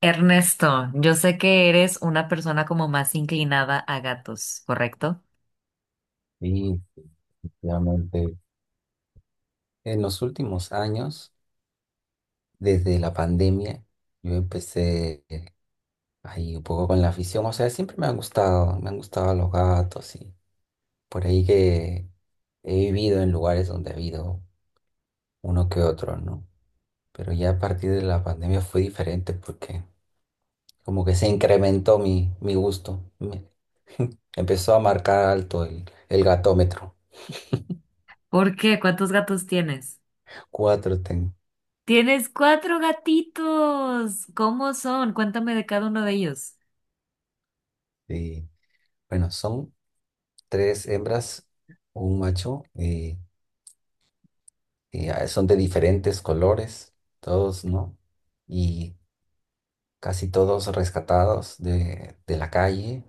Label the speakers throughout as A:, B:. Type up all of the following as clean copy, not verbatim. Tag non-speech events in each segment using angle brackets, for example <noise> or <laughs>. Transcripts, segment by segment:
A: Ernesto, yo sé que eres una persona como más inclinada a gatos, ¿correcto?
B: Sí, efectivamente. En los últimos años, desde la pandemia, yo empecé ahí un poco con la afición. O sea, siempre me han gustado los gatos y por ahí que he vivido en lugares donde ha habido uno que otro, ¿no? Pero ya a partir de la pandemia fue diferente porque como que se incrementó mi gusto. Me- <laughs> empezó a marcar alto el gatómetro.
A: ¿Por qué? ¿Cuántos gatos tienes?
B: Cuatro tengo.
A: Tienes cuatro gatitos. ¿Cómo son? Cuéntame de cada uno de ellos.
B: Sí. Bueno, son tres hembras, un macho, y son de diferentes colores, todos, ¿no? Y casi todos rescatados de la calle.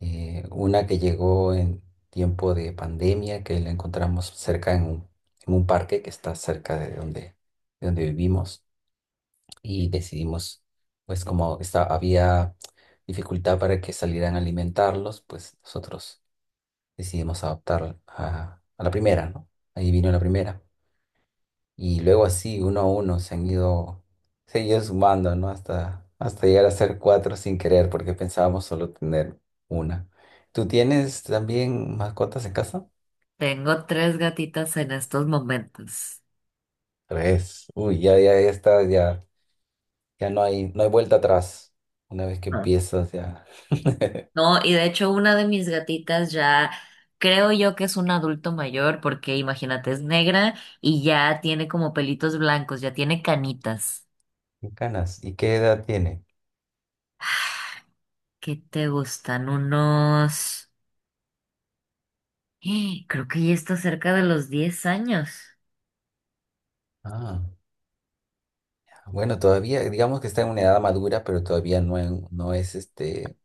B: Una que llegó en tiempo de pandemia, que la encontramos cerca en un parque que está cerca de donde vivimos, y decidimos, pues como esta- había dificultad para que salieran a alimentarlos, pues nosotros decidimos adoptar a la primera, ¿no? Ahí vino la primera. Y luego así, uno a uno, se han ido sumando, ¿no? Hasta, hasta llegar a ser cuatro sin querer, porque pensábamos solo tener una. ¿Tú tienes también mascotas en casa?
A: Tengo tres gatitas en estos momentos.
B: Tres. Uy, ya, ya, ya está, ya, ya no hay, no hay vuelta atrás. Una vez que
A: Ah.
B: empiezas, ya. <laughs>
A: No, y de hecho una de mis gatitas ya creo yo que es un adulto mayor porque imagínate, es negra y ya tiene como pelitos blancos, ya tiene canitas.
B: Qué canas, ¿y qué edad tiene?
A: ¿Qué te gustan? Unos... <gasps> Creo que ya está cerca de los 10 años.
B: Ah, bueno, todavía, digamos que está en una edad madura, pero todavía no, en- no es este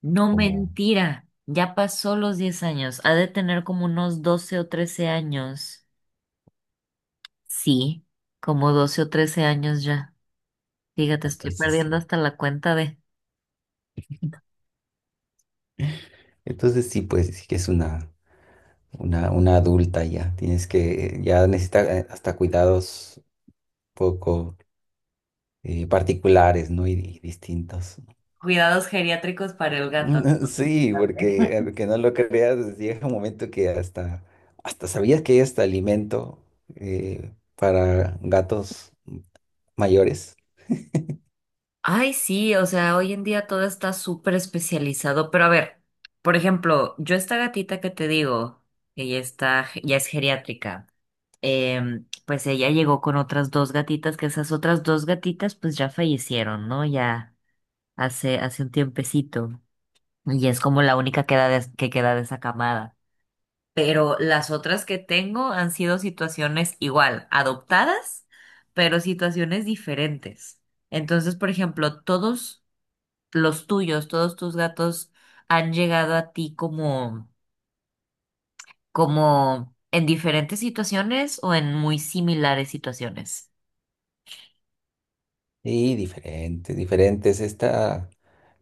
A: No
B: como.
A: mentira, ya pasó los 10 años. Ha de tener como unos 12 o 13 años. Sí, como 12 o 13 años ya. Fíjate, estoy
B: Entonces
A: perdiendo
B: sí.
A: hasta la cuenta de
B: Entonces sí, pues sí que es una adulta ya. Tienes que, ya necesita hasta cuidados poco particulares, ¿no? Y distintos. <laughs>
A: cuidados geriátricos para el gato.
B: Mm, sí,
A: <laughs>
B: porque aunque no lo creas, pues, llega un momento que hasta, hasta sabías que hay hasta alimento para gatos mayores.
A: Ay, sí, o sea, hoy en día todo está súper especializado, pero a ver, por ejemplo, yo esta gatita que te digo, que ya está, ya es geriátrica. Pues ella llegó con otras dos gatitas, que esas otras dos gatitas pues ya fallecieron, ¿no? Ya hace un tiempecito. Y es como la única que, que queda de esa camada. Pero las otras que tengo han sido situaciones igual, adoptadas, pero situaciones diferentes. Entonces, por ejemplo, todos los tuyos, todos tus gatos han llegado a ti como, como en diferentes situaciones o en muy similares situaciones.
B: Y diferentes, diferentes. Esta,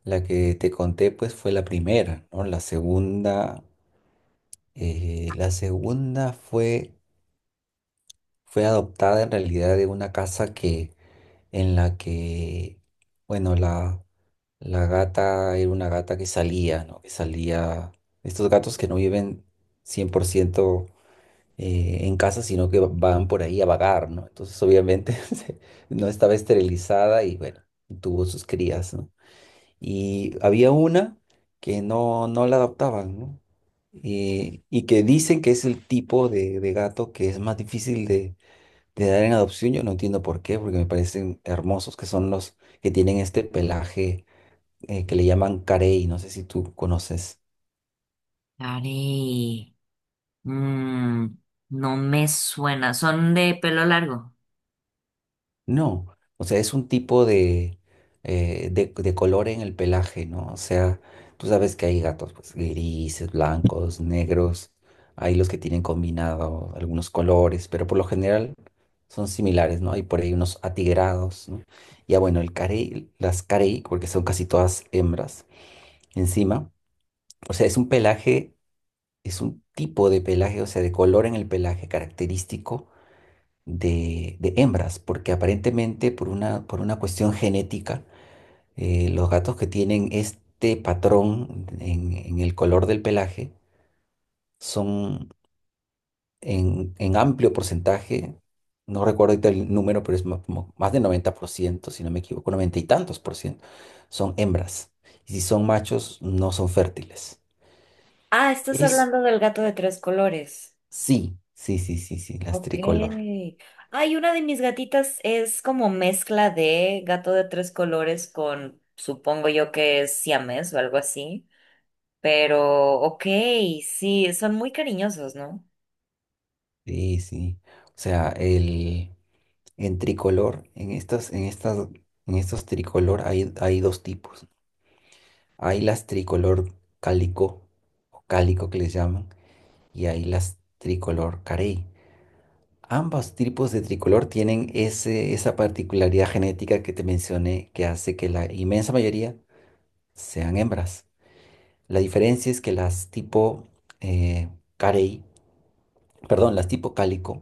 B: la que te conté, pues fue la primera, ¿no? La segunda. La segunda fue, fue adoptada en realidad de una casa que, en la que, bueno, la gata era una gata que salía, ¿no? Que salía, estos gatos que no viven 100% en casa, sino que van por ahí a vagar, ¿no? Entonces, obviamente, <laughs> se- no estaba esterilizada y, bueno, tuvo sus crías, ¿no? Y había una que no, no la adoptaban, ¿no? Y que dicen que es el tipo de gato que es más difícil de dar en adopción. Yo no entiendo por qué, porque me parecen hermosos que son los que tienen este pelaje que le llaman carey. No sé si tú conoces.
A: Ari, mm, no me suena. ¿Son de pelo largo?
B: No, o sea, es un tipo de, de color en el pelaje, ¿no? O sea, tú sabes que hay gatos, pues, grises, blancos, negros, hay los que tienen combinado algunos colores, pero por lo general son similares, ¿no? Hay por ahí unos atigrados, ¿no? Ya bueno, el carey, las carey, porque son casi todas hembras, encima, o sea, es un pelaje, es un tipo de pelaje, o sea, de color en el pelaje característico de hembras, porque aparentemente por una cuestión genética, los gatos que tienen este patrón en el color del pelaje son en amplio porcentaje, no recuerdo ahorita el número, pero es ma- como más de 90% si no me equivoco, 90 y tantos por ciento, son hembras. Y si son machos, no son fértiles.
A: Ah, estás
B: Es,
A: hablando del gato de tres colores.
B: sí, sí, sí, sí, sí, las
A: Ok.
B: tricolor.
A: Ay, una de mis gatitas es como mezcla de gato de tres colores con, supongo yo que es siamés o algo así. Pero, ok, sí, son muy cariñosos, ¿no?
B: Sí, sí. O sea, el... En tricolor, en estas, en estas, en estos tricolor hay, hay dos tipos. Hay las tricolor cálico o cálico que les llaman y hay las tricolor carey. Ambos tipos de tricolor tienen ese, esa particularidad genética que te mencioné que hace que la inmensa mayoría sean hembras. La diferencia es que las tipo eh, carey perdón, las tipo cálico,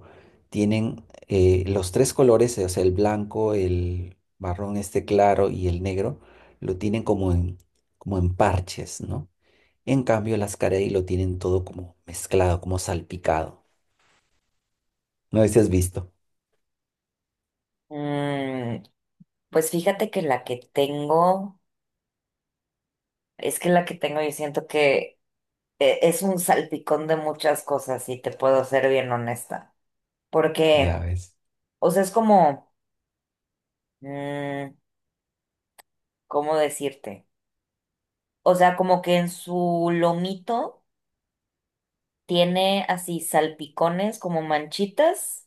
B: tienen los tres colores, o sea, el blanco, el marrón este claro y el negro, lo tienen como en, como en parches, ¿no? En cambio, las carey lo tienen todo como mezclado, como salpicado. No sé si has visto.
A: Mm, pues fíjate que la que tengo, es que la que tengo yo siento que es un salpicón de muchas cosas, si te puedo ser bien honesta.
B: Ya
A: Porque,
B: ves.
A: o sea, es como, mm, ¿cómo decirte? O sea, como que en su lomito tiene así salpicones como manchitas,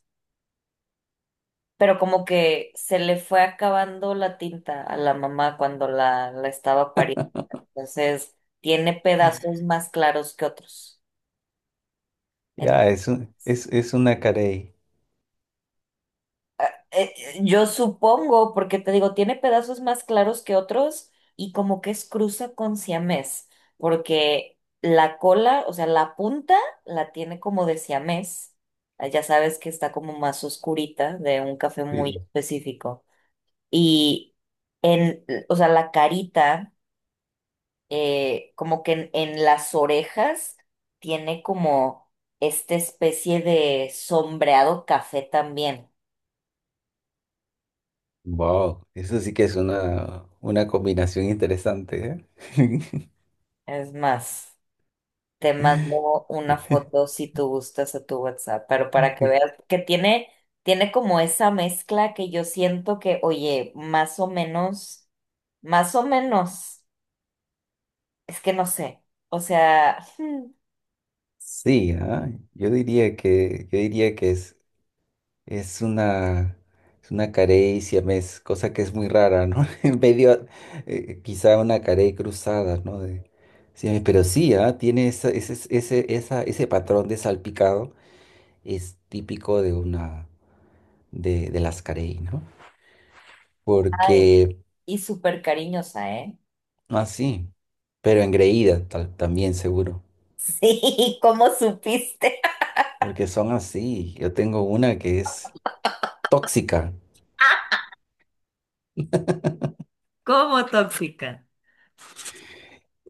A: pero como que se le fue acabando la tinta a la mamá cuando la estaba pariendo. Entonces, tiene pedazos más claros que otros.
B: Ya, es un-
A: Entonces,
B: es una carey.
A: Eh, yo supongo, porque te digo, tiene pedazos más claros que otros y como que es cruza con siamés, porque la cola, o sea, la punta la tiene como de siamés. Ah, ya sabes que está como más oscurita de un café muy
B: Sí.
A: específico. Y en, o sea, la carita, como que en las orejas tiene como esta especie de sombreado café también.
B: Wow, eso sí que es una combinación interesante, ¿eh?
A: Es más. Te mando una foto
B: <laughs>
A: si tú gustas a tu WhatsApp, pero para que veas que tiene, tiene como esa mezcla que yo siento que, oye, más o menos, es que no sé, o sea,
B: Sí, ah, yo diría que, yo diría que es una, es una carecia, me es cosa que es muy rara, ¿no? <laughs> En medio, quizá una carey cruzada, ¿no? De- sí, pero sí, ah, tiene esa- ese, esa- ese patrón de salpicado, es típico de una, de las carey, ¿no?
A: ay,
B: Porque,
A: y súper cariñosa, ¿eh?
B: no así, pero engreída tal- también seguro,
A: <laughs> Sí, ¿cómo supiste? <laughs>
B: porque son así. Yo tengo una que es tóxica,
A: ¿Como tóxica?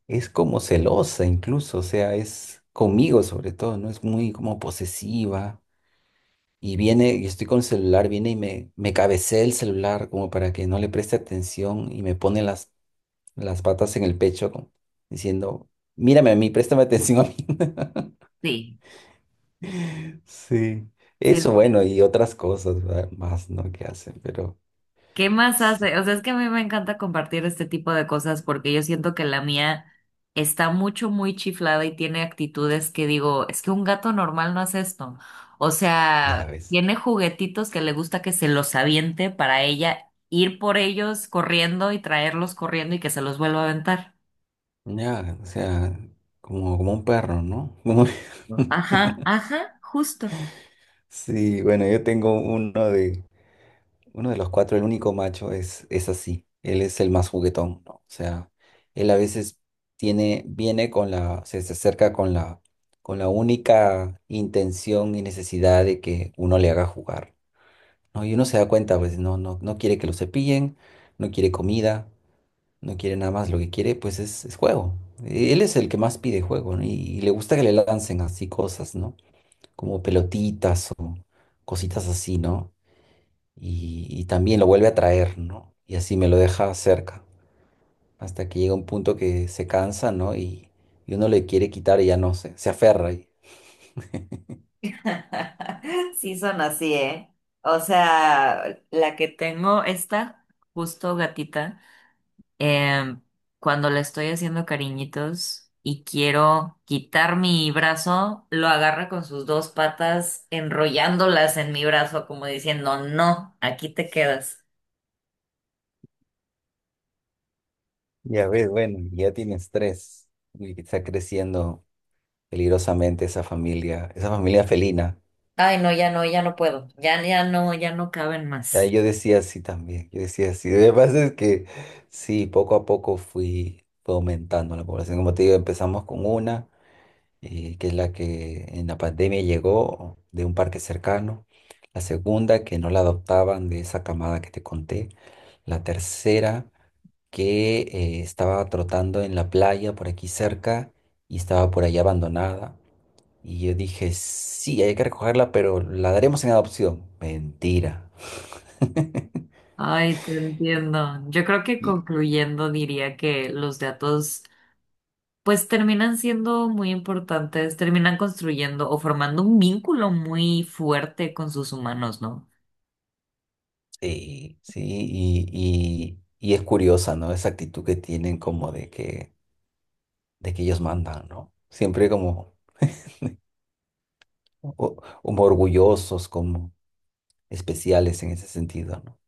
B: es como celosa incluso, o sea, es conmigo sobre todo, ¿no? Es muy como posesiva. Y viene, y estoy con el celular, viene y me cabecea el celular como para que no le preste atención y me pone las patas en el pecho como diciendo, mírame a mí, préstame atención a mí.
A: Sí,
B: <laughs> Sí,
A: sí es
B: eso
A: muy
B: bueno, y otras cosas, ¿verdad? Más, ¿no? Que hacen, pero
A: ¿qué más
B: sí,
A: hace? O sea, es que a mí me encanta compartir este tipo de cosas porque yo siento que la mía está mucho, muy chiflada y tiene actitudes que digo, es que un gato normal no hace esto. O
B: ya
A: sea,
B: ves.
A: tiene juguetitos que le gusta que se los aviente para ella ir por ellos corriendo y traerlos corriendo y que se los vuelva a aventar.
B: Ya, o sea, como, como un perro, ¿no? Como-
A: ¿No?
B: <laughs>
A: Ajá, ajá, justo.
B: sí, bueno, yo tengo uno de, uno de los cuatro, el único macho, es así. Él es el más juguetón, ¿no? O sea, él a veces tiene, viene con la, se acerca con la única intención y necesidad de que uno le haga jugar, ¿no? Y uno se da cuenta, pues, no, no, no quiere que lo cepillen, no quiere comida, no quiere nada más, lo que quiere, pues, es juego. Él es el que más pide juego, ¿no? Y le gusta que le lancen así cosas, ¿no? Como pelotitas o cositas así, ¿no? Y, y también lo vuelve a traer, ¿no? Y así me lo deja cerca, hasta que llega un punto que se cansa, ¿no? Y uno le quiere quitar y ya no se, se aferra. Y,
A: <laughs> Sí son así, ¿eh? O sea, la que tengo, esta justo gatita. em, Cuando le estoy haciendo cariñitos y quiero quitar mi brazo, lo agarra con sus dos patas, enrollándolas en mi brazo, como diciendo, no, aquí te quedas.
B: ya ves, bueno, ya tienes tres. Y está creciendo peligrosamente esa familia felina.
A: Ay, no, ya no, ya no puedo. Ya, ya no, ya no caben
B: Ya
A: más.
B: yo decía así también, yo decía así. Lo que pasa es que sí, poco a poco fui, fue aumentando la población. Como te digo, empezamos con una. Que es la que en la pandemia llegó de un parque cercano. La segunda, que no la adoptaban de esa camada que te conté. La tercera, que estaba trotando en la playa por aquí cerca y estaba por allá abandonada. Y yo dije, sí, hay que recogerla, pero la daremos en adopción. Mentira.
A: Ay, te entiendo. Yo creo que
B: Y-
A: concluyendo diría que los gatos, pues terminan siendo muy importantes, terminan construyendo o formando un vínculo muy fuerte con sus humanos, ¿no?
B: sí, sí, y es curiosa, ¿no? Esa actitud que tienen como de que ellos mandan, ¿no? Siempre como o- como orgullosos, como especiales en ese sentido, ¿no?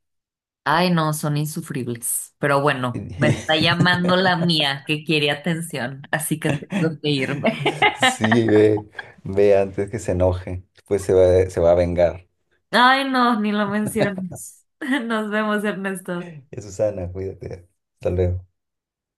A: Ay, no, son insufribles. Pero bueno, me está llamando
B: <laughs>
A: la mía que quiere atención, así que tengo que irme. <laughs>
B: Sí, ve, ve antes que se enoje, después se va a vengar.
A: Ay, no, ni lo menciones. <laughs> Nos vemos, Ernesto.
B: Ya, Susana, cuídate. Hasta luego.